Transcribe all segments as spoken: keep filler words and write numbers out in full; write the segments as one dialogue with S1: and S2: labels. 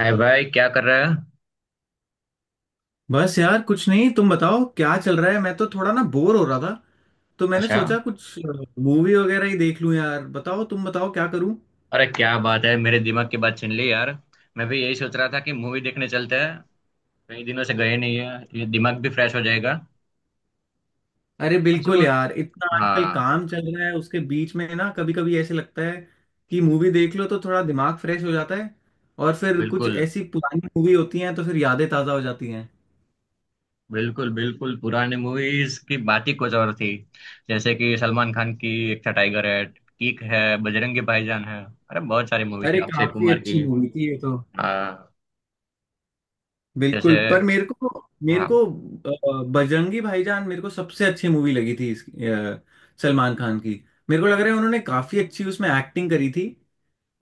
S1: हाय भाई, क्या कर रहा है?
S2: बस यार कुछ नहीं। तुम बताओ क्या चल रहा है। मैं तो थोड़ा ना बोर हो रहा था तो मैंने
S1: अच्छा।
S2: सोचा कुछ मूवी वगैरह ही देख लूं। यार बताओ तुम बताओ क्या करूं।
S1: अरे क्या बात है, मेरे दिमाग की बात छीन ली यार। मैं भी यही सोच रहा था कि मूवी देखने चलते हैं। कई दिनों से गए नहीं है। ये दिमाग भी फ्रेश हो जाएगा।
S2: अरे
S1: कौन सी
S2: बिल्कुल
S1: मूवी?
S2: यार, इतना आजकल
S1: हाँ।
S2: काम चल रहा है उसके बीच में ना कभी कभी ऐसे लगता है कि मूवी देख लो तो थोड़ा दिमाग फ्रेश हो जाता है। और फिर कुछ
S1: बिल्कुल,
S2: ऐसी पुरानी मूवी होती हैं तो फिर यादें ताज़ा हो जाती हैं।
S1: बिल्कुल, बिल्कुल। पुरानी मूवीज की बात ही कुछ और थी। जैसे कि सलमान खान की एक था टाइगर है, किक है, बजरंगी भाईजान है, अरे बहुत सारी मूवी थी,
S2: अरे
S1: अक्षय
S2: काफी
S1: कुमार की।
S2: अच्छी मूवी थी ये तो।
S1: हाँ। जैसे।
S2: बिल्कुल पर मेरे को मेरे
S1: हाँ,
S2: को अ, बजरंगी भाईजान मेरे को सबसे अच्छी मूवी लगी थी इसकी, अ, सलमान खान की। मेरे को लग रहा है उन्होंने काफी अच्छी उसमें एक्टिंग करी थी।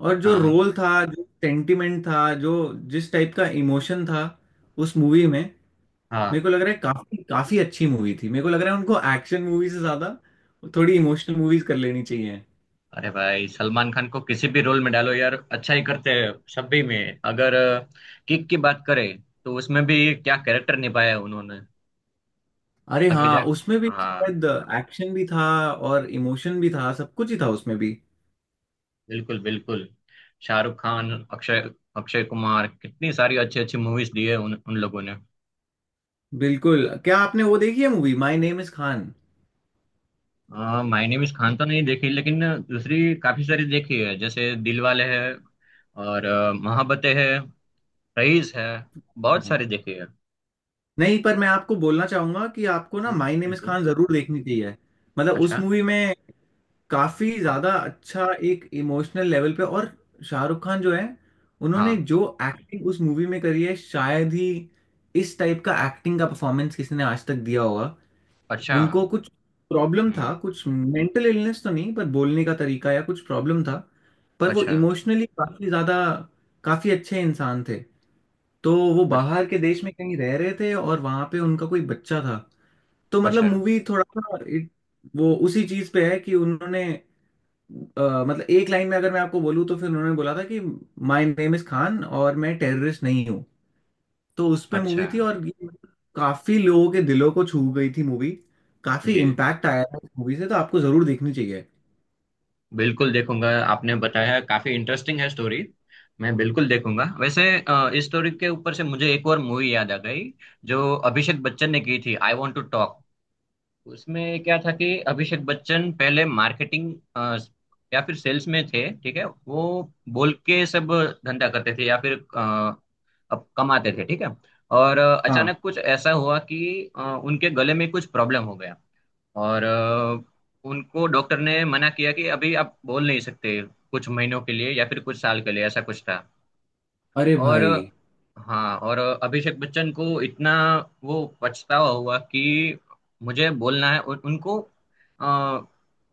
S2: और जो
S1: हाँ,
S2: रोल था, जो सेंटिमेंट था, जो जिस टाइप का इमोशन था उस मूवी में, मेरे को
S1: हाँ।
S2: लग रहा है काफी काफी अच्छी मूवी थी। मेरे को लग रहा है उनको एक्शन मूवी से ज्यादा थोड़ी इमोशनल मूवीज कर लेनी चाहिए।
S1: अरे भाई, सलमान खान को किसी भी रोल में डालो यार, अच्छा ही करते हैं सभी में। अगर किक की बात करें तो उसमें भी क्या कैरेक्टर निभाया है उन्होंने।
S2: अरे
S1: आगे जा।
S2: हाँ, उसमें भी
S1: हाँ।
S2: शायद एक्शन भी था और इमोशन भी था, सब कुछ ही था उसमें भी।
S1: बिल्कुल, बिल्कुल। शाहरुख खान, अक्षय अक्षय कुमार कितनी सारी अच्छी अच्छी मूवीज दी है उन, उन लोगों ने।
S2: बिल्कुल। क्या आपने वो देखी है movie my name is Khan?
S1: आ, माय नेम इज खान तो नहीं देखी, लेकिन दूसरी काफी सारी देखी है। जैसे दिलवाले है, और अ, मोहब्बतें है, रईस है। बहुत
S2: हाँ,
S1: सारी देखी है।
S2: नहीं पर मैं आपको बोलना चाहूंगा कि आपको ना
S1: जी,
S2: माई नेम इज
S1: बिल्कुल।
S2: खान जरूर देखनी चाहिए। मतलब उस
S1: अच्छा।
S2: मूवी में काफी
S1: हाँ,
S2: ज्यादा अच्छा एक इमोशनल लेवल पे, और शाहरुख खान जो है उन्होंने
S1: हाँ।
S2: जो एक्टिंग उस मूवी में करी है, शायद ही इस टाइप का एक्टिंग का परफॉर्मेंस किसी ने आज तक दिया होगा।
S1: अच्छा।
S2: उनको कुछ प्रॉब्लम
S1: हुँ।
S2: था, कुछ मेंटल इलनेस तो नहीं पर बोलने का तरीका या कुछ प्रॉब्लम था, पर वो
S1: अच्छा।
S2: इमोशनली काफी ज्यादा काफी अच्छे इंसान थे। तो वो
S1: अच्छ
S2: बाहर के देश में कहीं रह रहे थे और वहां पे उनका कोई बच्चा था। तो मतलब
S1: अच्छा।
S2: मूवी थोड़ा सा it- वो उसी चीज पे है कि उन्होंने, अ, मतलब एक लाइन में अगर मैं आपको बोलूँ तो फिर उन्होंने बोला था कि माय नेम इज खान और मैं टेररिस्ट नहीं हूँ। तो उस पे
S1: अच्छा।
S2: मूवी थी और ये काफी लोगों के दिलों को छू गई थी मूवी। काफी
S1: जी,
S2: इम्पैक्ट आया था मूवी से, तो आपको जरूर देखनी चाहिए।
S1: बिल्कुल देखूँगा। आपने बताया, काफ़ी इंटरेस्टिंग है स्टोरी। मैं बिल्कुल देखूँगा। वैसे अ, इस स्टोरी के ऊपर से मुझे एक और मूवी याद आ गई, जो अभिषेक बच्चन ने की थी, आई वांट टू टॉक। उसमें क्या था कि अभिषेक बच्चन पहले मार्केटिंग, अ, या फिर सेल्स में थे, ठीक है? वो बोल के सब धंधा करते थे, या फिर अ, अब कमाते थे, ठीक है? और अ,
S2: हाँ।
S1: अचानक कुछ ऐसा हुआ कि अ, उनके गले में कुछ प्रॉब्लम हो गया। और अ, उनको डॉक्टर ने मना किया कि अभी आप बोल नहीं सकते, कुछ महीनों के लिए या फिर कुछ साल के लिए, ऐसा कुछ था।
S2: अरे
S1: और,
S2: भाई
S1: हाँ, और अभिषेक बच्चन को इतना वो पछतावा हुआ कि मुझे बोलना है, और उनको अ,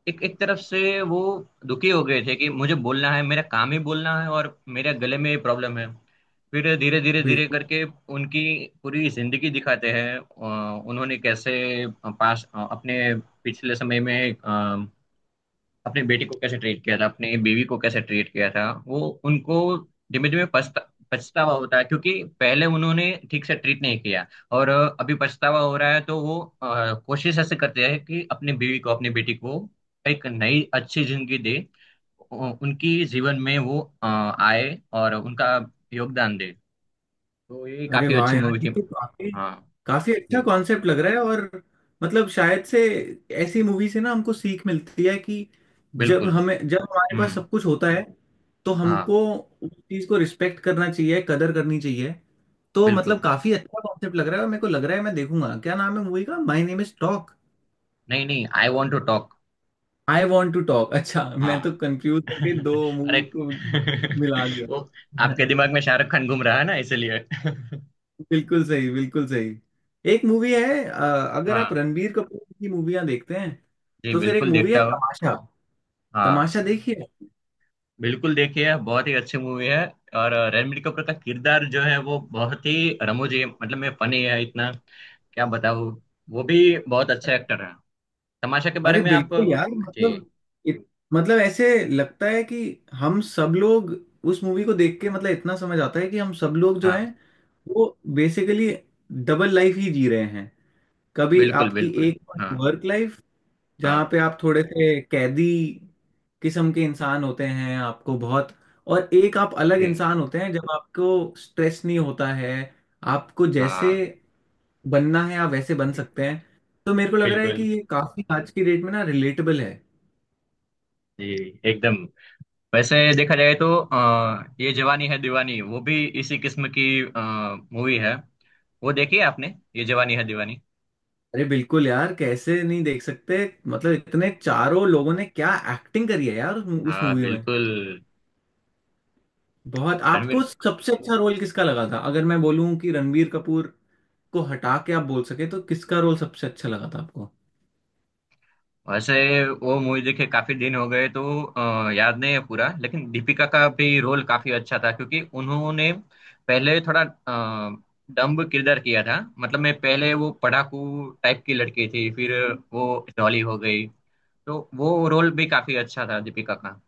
S1: एक एक तरफ से वो दुखी हो गए थे कि मुझे बोलना है, मेरा काम ही बोलना है और मेरे गले में ये प्रॉब्लम है। फिर धीरे धीरे धीरे
S2: बिल्कुल।
S1: करके उनकी पूरी जिंदगी दिखाते हैं, अ, उन्होंने कैसे पास अपने पिछले समय में अपने बेटे को कैसे ट्रीट किया था, अपने बीवी को कैसे ट्रीट किया था, वो उनको धीमे धीमे पछता पछतावा होता है, क्योंकि पहले उन्होंने ठीक से ट्रीट नहीं किया। और अ, अभी पछतावा हो रहा है, तो वो अ, कोशिश ऐसे करते हैं कि अपने बीवी को, अपनी बेटी को एक नई अच्छी जिंदगी दे, उ- उनकी जीवन में वो अ, आए और उनका योगदान दे। तो ये
S2: अरे
S1: काफी
S2: वाह
S1: अच्छी
S2: यार,
S1: मूवी
S2: ये
S1: थी।
S2: तो काफी
S1: हाँ।
S2: काफी अच्छा
S1: जी,
S2: कॉन्सेप्ट लग रहा है। और मतलब शायद से ऐसी मूवी से ना हमको सीख मिलती है कि जब
S1: बिल्कुल।
S2: हमें जब हमारे पास
S1: हम्म।
S2: सब कुछ होता है तो
S1: हाँ,
S2: हमको उस चीज को रिस्पेक्ट करना चाहिए, कदर करनी चाहिए। तो मतलब
S1: बिल्कुल।
S2: काफी अच्छा कॉन्सेप्ट लग रहा है और मेरे को लग रहा है मैं देखूंगा। क्या नाम है मूवी का, माई नेम इज टॉक?
S1: नहीं, नहीं, I want to talk.
S2: I want to talk. अच्छा मैं तो
S1: हाँ।
S2: कंफ्यूज होके दो
S1: अरे।
S2: मूवी को मिला दिया।
S1: वो आपके दिमाग में शाहरुख खान घूम रहा है ना, इसलिए।
S2: बिल्कुल सही, बिल्कुल सही। एक मूवी है, अ, अगर आप
S1: हाँ,
S2: रणबीर कपूर की मूवियां देखते हैं
S1: जी,
S2: तो फिर एक
S1: बिल्कुल
S2: मूवी है
S1: देखता हूँ।
S2: तमाशा।
S1: हाँ,
S2: तमाशा देखिए।
S1: बिल्कुल देखिए, बहुत ही अच्छी मूवी है। और रणबीर कपूर का किरदार जो है, वो बहुत ही रमूजी है, मतलब मैं फनी है इतना, क्या बताऊँ। वो भी बहुत अच्छा एक्टर है। तमाशा के बारे
S2: अरे
S1: में आप।
S2: बिल्कुल यार,
S1: जी।
S2: मतलब इत, मतलब ऐसे लगता है कि हम सब लोग उस मूवी को देख के मतलब इतना समझ आता है कि हम सब लोग जो हैं
S1: हाँ,
S2: वो बेसिकली डबल लाइफ ही जी रहे हैं। कभी
S1: बिल्कुल,
S2: आपकी
S1: बिल्कुल।
S2: एक
S1: हाँ,
S2: वर्क लाइफ
S1: हाँ।
S2: जहाँ पे आप थोड़े से कैदी किस्म के इंसान होते हैं, आपको बहुत, और एक आप अलग
S1: जी,
S2: इंसान होते हैं जब आपको स्ट्रेस नहीं होता है। आपको जैसे
S1: हाँ,
S2: बनना है आप वैसे बन सकते हैं। तो मेरे को लग रहा है कि
S1: बिल्कुल।
S2: ये काफी आज की डेट में ना रिलेटेबल है।
S1: जी। एकदम। वैसे देखा जाए तो आ, ये जवानी है दीवानी, वो भी इसी किस्म की मूवी है। वो देखी है आपने, ये जवानी है दीवानी?
S2: अरे बिल्कुल यार, कैसे नहीं देख सकते। मतलब इतने चारों लोगों ने क्या एक्टिंग करी है यार उस
S1: हाँ,
S2: मूवी में।
S1: बिल्कुल।
S2: बहुत। आपको
S1: रणवीर।
S2: सबसे अच्छा रोल किसका लगा था? अगर मैं बोलूं कि रणबीर कपूर को हटा के आप बोल सके तो किसका रोल सबसे अच्छा लगा था आपको?
S1: वैसे वो मूवी देखे काफी दिन हो गए, तो अ, याद नहीं है पूरा, लेकिन दीपिका का भी रोल काफी अच्छा था, क्योंकि उन्होंने पहले थोड़ा अ, डम्ब किरदार किया था, मतलब मैं पहले, वो पढ़ाकू टाइप की लड़की थी, फिर वो डॉली हो गई। तो वो रोल भी काफी अच्छा था दीपिका का।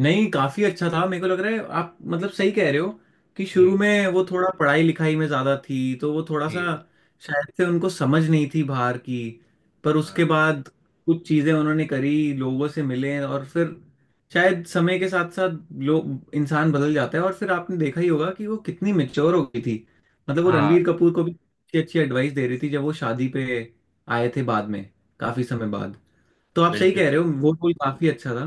S2: नहीं काफी अच्छा था, मेरे को लग रहा है आप मतलब सही कह रहे हो कि
S1: जी,
S2: शुरू में वो थोड़ा पढ़ाई लिखाई में ज्यादा थी, तो वो थोड़ा सा
S1: जी।
S2: शायद से उनको समझ नहीं थी बाहर की। पर उसके
S1: हाँ,
S2: बाद कुछ चीजें उन्होंने करी, लोगों से मिले और फिर शायद समय के साथ साथ लोग, इंसान बदल जाता है। और फिर आपने देखा ही होगा कि वो कितनी मेच्योर हो गई थी। मतलब वो रणबीर
S1: हाँ।
S2: कपूर को भी अच्छी अच्छी एडवाइस दे रही थी जब वो शादी पे आए थे बाद में, काफी समय बाद। तो आप सही
S1: बिल्कुल,
S2: कह रहे हो,
S1: बिल्कुल।
S2: वो रोल काफी अच्छा था।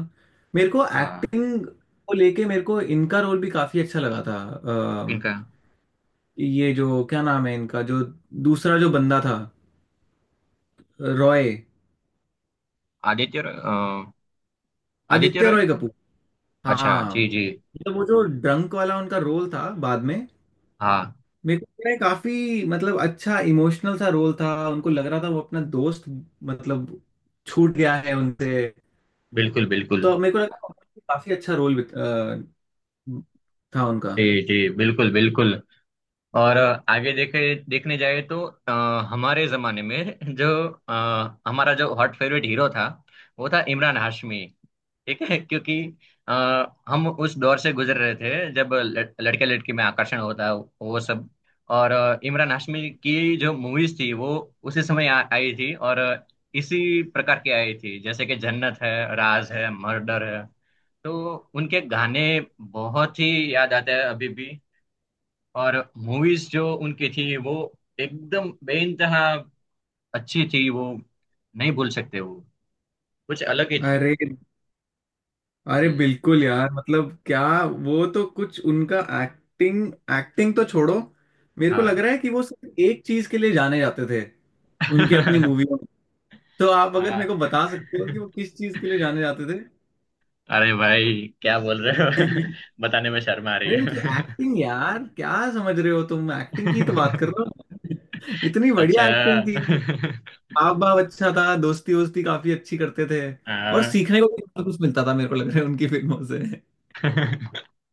S2: मेरे को
S1: हाँ।
S2: एक्टिंग को लेके मेरे को इनका रोल भी काफी अच्छा लगा था। अम,
S1: किनका?
S2: ये जो क्या नाम है इनका, जो दूसरा जो बंदा था, रॉय,
S1: आदित्य रॉय अ, आदित्य
S2: आदित्य
S1: रॉय।
S2: रॉय कपूर।
S1: अच्छा,
S2: हाँ,
S1: जी, जी।
S2: मतलब वो जो ड्रंक वाला उनका रोल था बाद में,
S1: हाँ,
S2: मेरे को लग रहा है काफी मतलब अच्छा इमोशनल सा रोल था। उनको लग रहा था वो अपना दोस्त, मतलब, छूट गया है उनसे।
S1: बिल्कुल, बिल्कुल।
S2: तो मेरे को लगा काफी अच्छा रोल था उनका।
S1: जी, जी, बिल्कुल, बिल्कुल। और अ, आगे देखे देखने जाए तो अ, हमारे जमाने में जो अ, हमारा जो हॉट फेवरेट हीरो था, वो था इमरान हाशमी। ठीक है? क्योंकि आ, हम उस दौर से गुजर रहे थे जब लड़के लड़की में आकर्षण होता है वो सब। और अ, इमरान हाशमी की जो मूवीज थी वो उसी समय आ, आई थी, और अ, इसी प्रकार की आई थी, जैसे कि जन्नत है, राज है, मर्डर है। तो उनके गाने बहुत ही याद आते हैं अभी भी। और मूवीज जो उनकी थी वो एकदम बेइंतहा अच्छी थी, वो नहीं भूल सकते, वो कुछ अलग ही थी।
S2: अरे अरे
S1: जी।
S2: बिल्कुल यार, मतलब क्या, वो तो कुछ उनका एक्टिंग, एक्टिंग तो छोड़ो, मेरे को लग
S1: हाँ।
S2: रहा है कि वो सिर्फ एक चीज के लिए जाने जाते थे उनके अपनी मूवी में। तो आप अगर मेरे
S1: हाँ।
S2: को बता सकते हो कि वो किस चीज के लिए जाने जाते थे?
S1: अरे भाई, क्या बोल रहे हो? बताने में शर्म आ रही
S2: अरे उनकी
S1: है।
S2: एक्टिंग यार, क्या समझ रहे हो तुम, एक्टिंग की तो बात कर रहे हो। इतनी बढ़िया एक्टिंग
S1: अच्छा।
S2: थी। हाव भाव अच्छा था, दोस्ती वोस्ती काफी अच्छी करते थे, और
S1: हाँ।
S2: सीखने को भी बहुत कुछ मिलता था मेरे को लग रहा है उनकी फिल्मों से।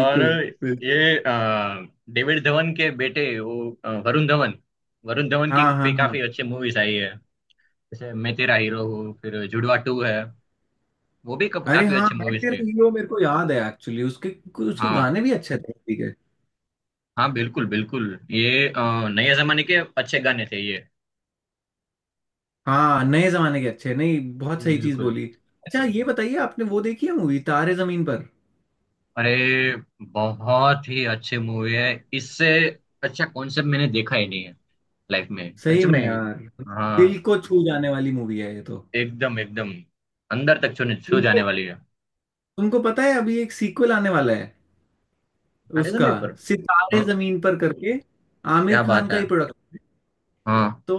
S1: और
S2: बिल्कुल।
S1: ये अ, डेविड धवन के बेटे, वो अ, वरुण धवन, वरुण धवन की
S2: हाँ हाँ
S1: भी
S2: हाँ।
S1: काफी अच्छी मूवीज आई है। जैसे मैं तेरा हीरो हूँ, फिर जुड़वा टू है, वो भी कब-
S2: अरे
S1: काफी
S2: हाँ,
S1: अच्छे
S2: मैं
S1: मूवीज
S2: तेरा
S1: थे।
S2: हीरो मेरे को याद है। एक्चुअली उसके उसके
S1: हाँ,
S2: गाने भी अच्छे थे, ठीक है।
S1: हाँ, बिल्कुल, बिल्कुल। ये अ, नए जमाने के अच्छे गाने थे ये।
S2: हाँ, नए जमाने के अच्छे, नहीं बहुत
S1: ये
S2: सही चीज
S1: बिल्कुल।
S2: बोली। अच्छा ये
S1: हम्म।
S2: बताइए, आपने वो देखी है मूवी तारे जमीन पर?
S1: अरे बहुत ही अच्छे मूवी है, इससे अच्छा कॉन्सेप्ट मैंने देखा ही नहीं है लाइफ में, सच
S2: सही
S1: में।
S2: में यार, दिल
S1: हाँ।
S2: को छू जाने वाली मूवी है ये तो।
S1: एकदम, एकदम। अंदर तक छूने छू जाने
S2: तुमको
S1: वाली है।
S2: तुमको पता है अभी एक सीक्वल आने वाला है
S1: अरे,
S2: उसका,
S1: समय पर।
S2: सितारे
S1: हाँ,
S2: जमीन पर करके,
S1: क्या
S2: आमिर खान
S1: बात
S2: का
S1: है।
S2: ही प्रोडक्ट।
S1: हाँ,
S2: तो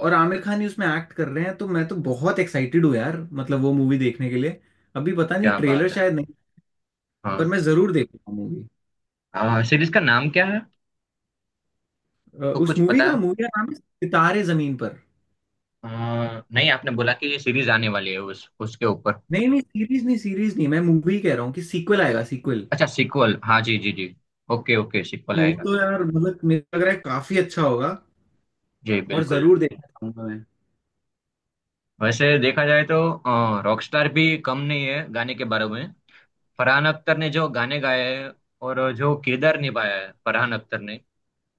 S2: और आमिर खान ही उसमें एक्ट कर रहे हैं, तो मैं तो बहुत एक्साइटेड हूँ यार, मतलब वो मूवी देखने के लिए। अभी पता नहीं,
S1: क्या
S2: ट्रेलर
S1: बात है।
S2: शायद, पर मैं
S1: हाँ।
S2: जरूर देखूंगा मूवी।
S1: सीरीज का नाम क्या है, तो
S2: उस
S1: कुछ
S2: मूवी
S1: पता
S2: का
S1: है?
S2: मूवी का नाम है सितारे जमीन पर।
S1: अ, नहीं, आपने बोला कि ये सीरीज आने वाली है उस, उसके ऊपर।
S2: नहीं नहीं, सीरीज नहीं सीरीज नहीं, मैं मूवी कह रहा हूँ कि सीक्वल आएगा, सीक्वल।
S1: अच्छा सीक्वल, हाँ, जी, जी, जी। ओके, ओके, सीक्वल
S2: तो वो
S1: आएगा।
S2: तो यार मतलब मुझे लग रहा है काफी अच्छा होगा,
S1: जी,
S2: और
S1: बिल्कुल।
S2: जरूर देखना चाहूंगा मैं।
S1: वैसे देखा जाए तो रॉकस्टार भी कम नहीं है गाने के बारे में। फरहान अख्तर ने जो गाने गाए हैं और जो किरदार निभाया है फरहान अख्तर ने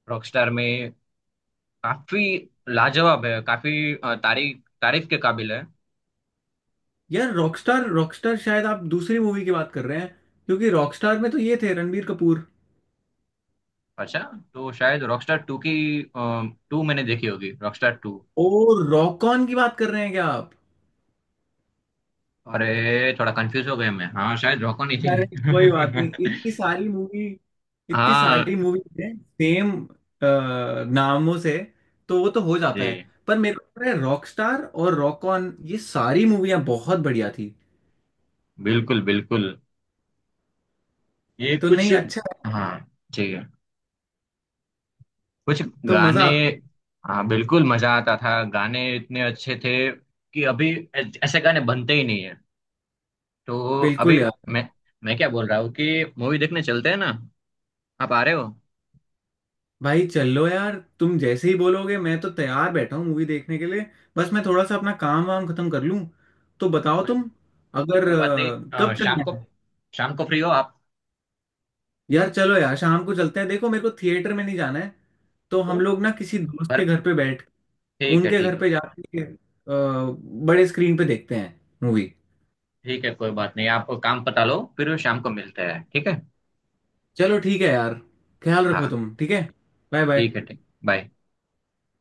S1: रॉकस्टार में, काफी लाजवाब है, काफी अ, तारीफ तारीफ के काबिल है।
S2: यार रॉकस्टार, रॉकस्टार शायद आप दूसरी मूवी की बात कर रहे हैं, क्योंकि रॉकस्टार में तो ये थे रणबीर कपूर।
S1: अच्छा, तो शायद रॉकस्टार टू की, टू मैंने देखी होगी, रॉकस्टार टू।
S2: ओ, रॉक ऑन की बात कर रहे हैं क्या आप?
S1: अरे थोड़ा कंफ्यूज हो गया मैं, हाँ, शायद रॉको नहीं
S2: अरे कोई बात नहीं,
S1: थी।
S2: इतनी सारी मूवी, इतनी सारी
S1: हाँ।
S2: मूवी है सेम नामों से, तो वो तो हो जाता है।
S1: जी,
S2: पर मेरे को पता है रॉकस्टार और रॉक ऑन ये सारी मूवियां बहुत बढ़िया थी।
S1: बिल्कुल, बिल्कुल। ये
S2: तो
S1: कुछ,
S2: नहीं, अच्छा है,
S1: हाँ, ठीक है, कुछ
S2: तो मजा
S1: गाने।
S2: आता है।
S1: हाँ, बिल्कुल मजा आता था, गाने इतने अच्छे थे कि अभी ऐ- ऐसे गाने बनते ही नहीं है। तो अभी
S2: बिल्कुल यार।
S1: मैं मैं क्या बोल रहा हूँ कि मूवी देखने चलते हैं ना? आप आ रहे हो?
S2: भाई चलो यार, तुम जैसे ही बोलोगे मैं तो तैयार बैठा हूँ मूवी देखने के लिए। बस मैं थोड़ा सा अपना काम वाम खत्म कर लूँ। तो बताओ
S1: कोई
S2: तुम, अगर,
S1: कोई बात नहीं,
S2: अ, कब
S1: अ, शाम
S2: चलना
S1: को,
S2: है?
S1: शाम को फ्री हो आप?
S2: यार चलो यार, शाम को चलते हैं। देखो मेरे को थिएटर में नहीं जाना है, तो
S1: तो,
S2: हम लोग ना किसी दोस्त के
S1: पर,
S2: घर पे बैठ,
S1: ठीक है,
S2: उनके
S1: ठीक
S2: घर
S1: है।
S2: पे जाके, अ, बड़े स्क्रीन पे देखते हैं मूवी।
S1: ठीक है, कोई बात नहीं, आप काम पता लो, फिर शाम को मिलते हैं, ठीक है?
S2: चलो ठीक है यार, ख्याल रखो
S1: हाँ,
S2: तुम, ठीक है। Bye bye.
S1: ठीक है, ठीक, बाय।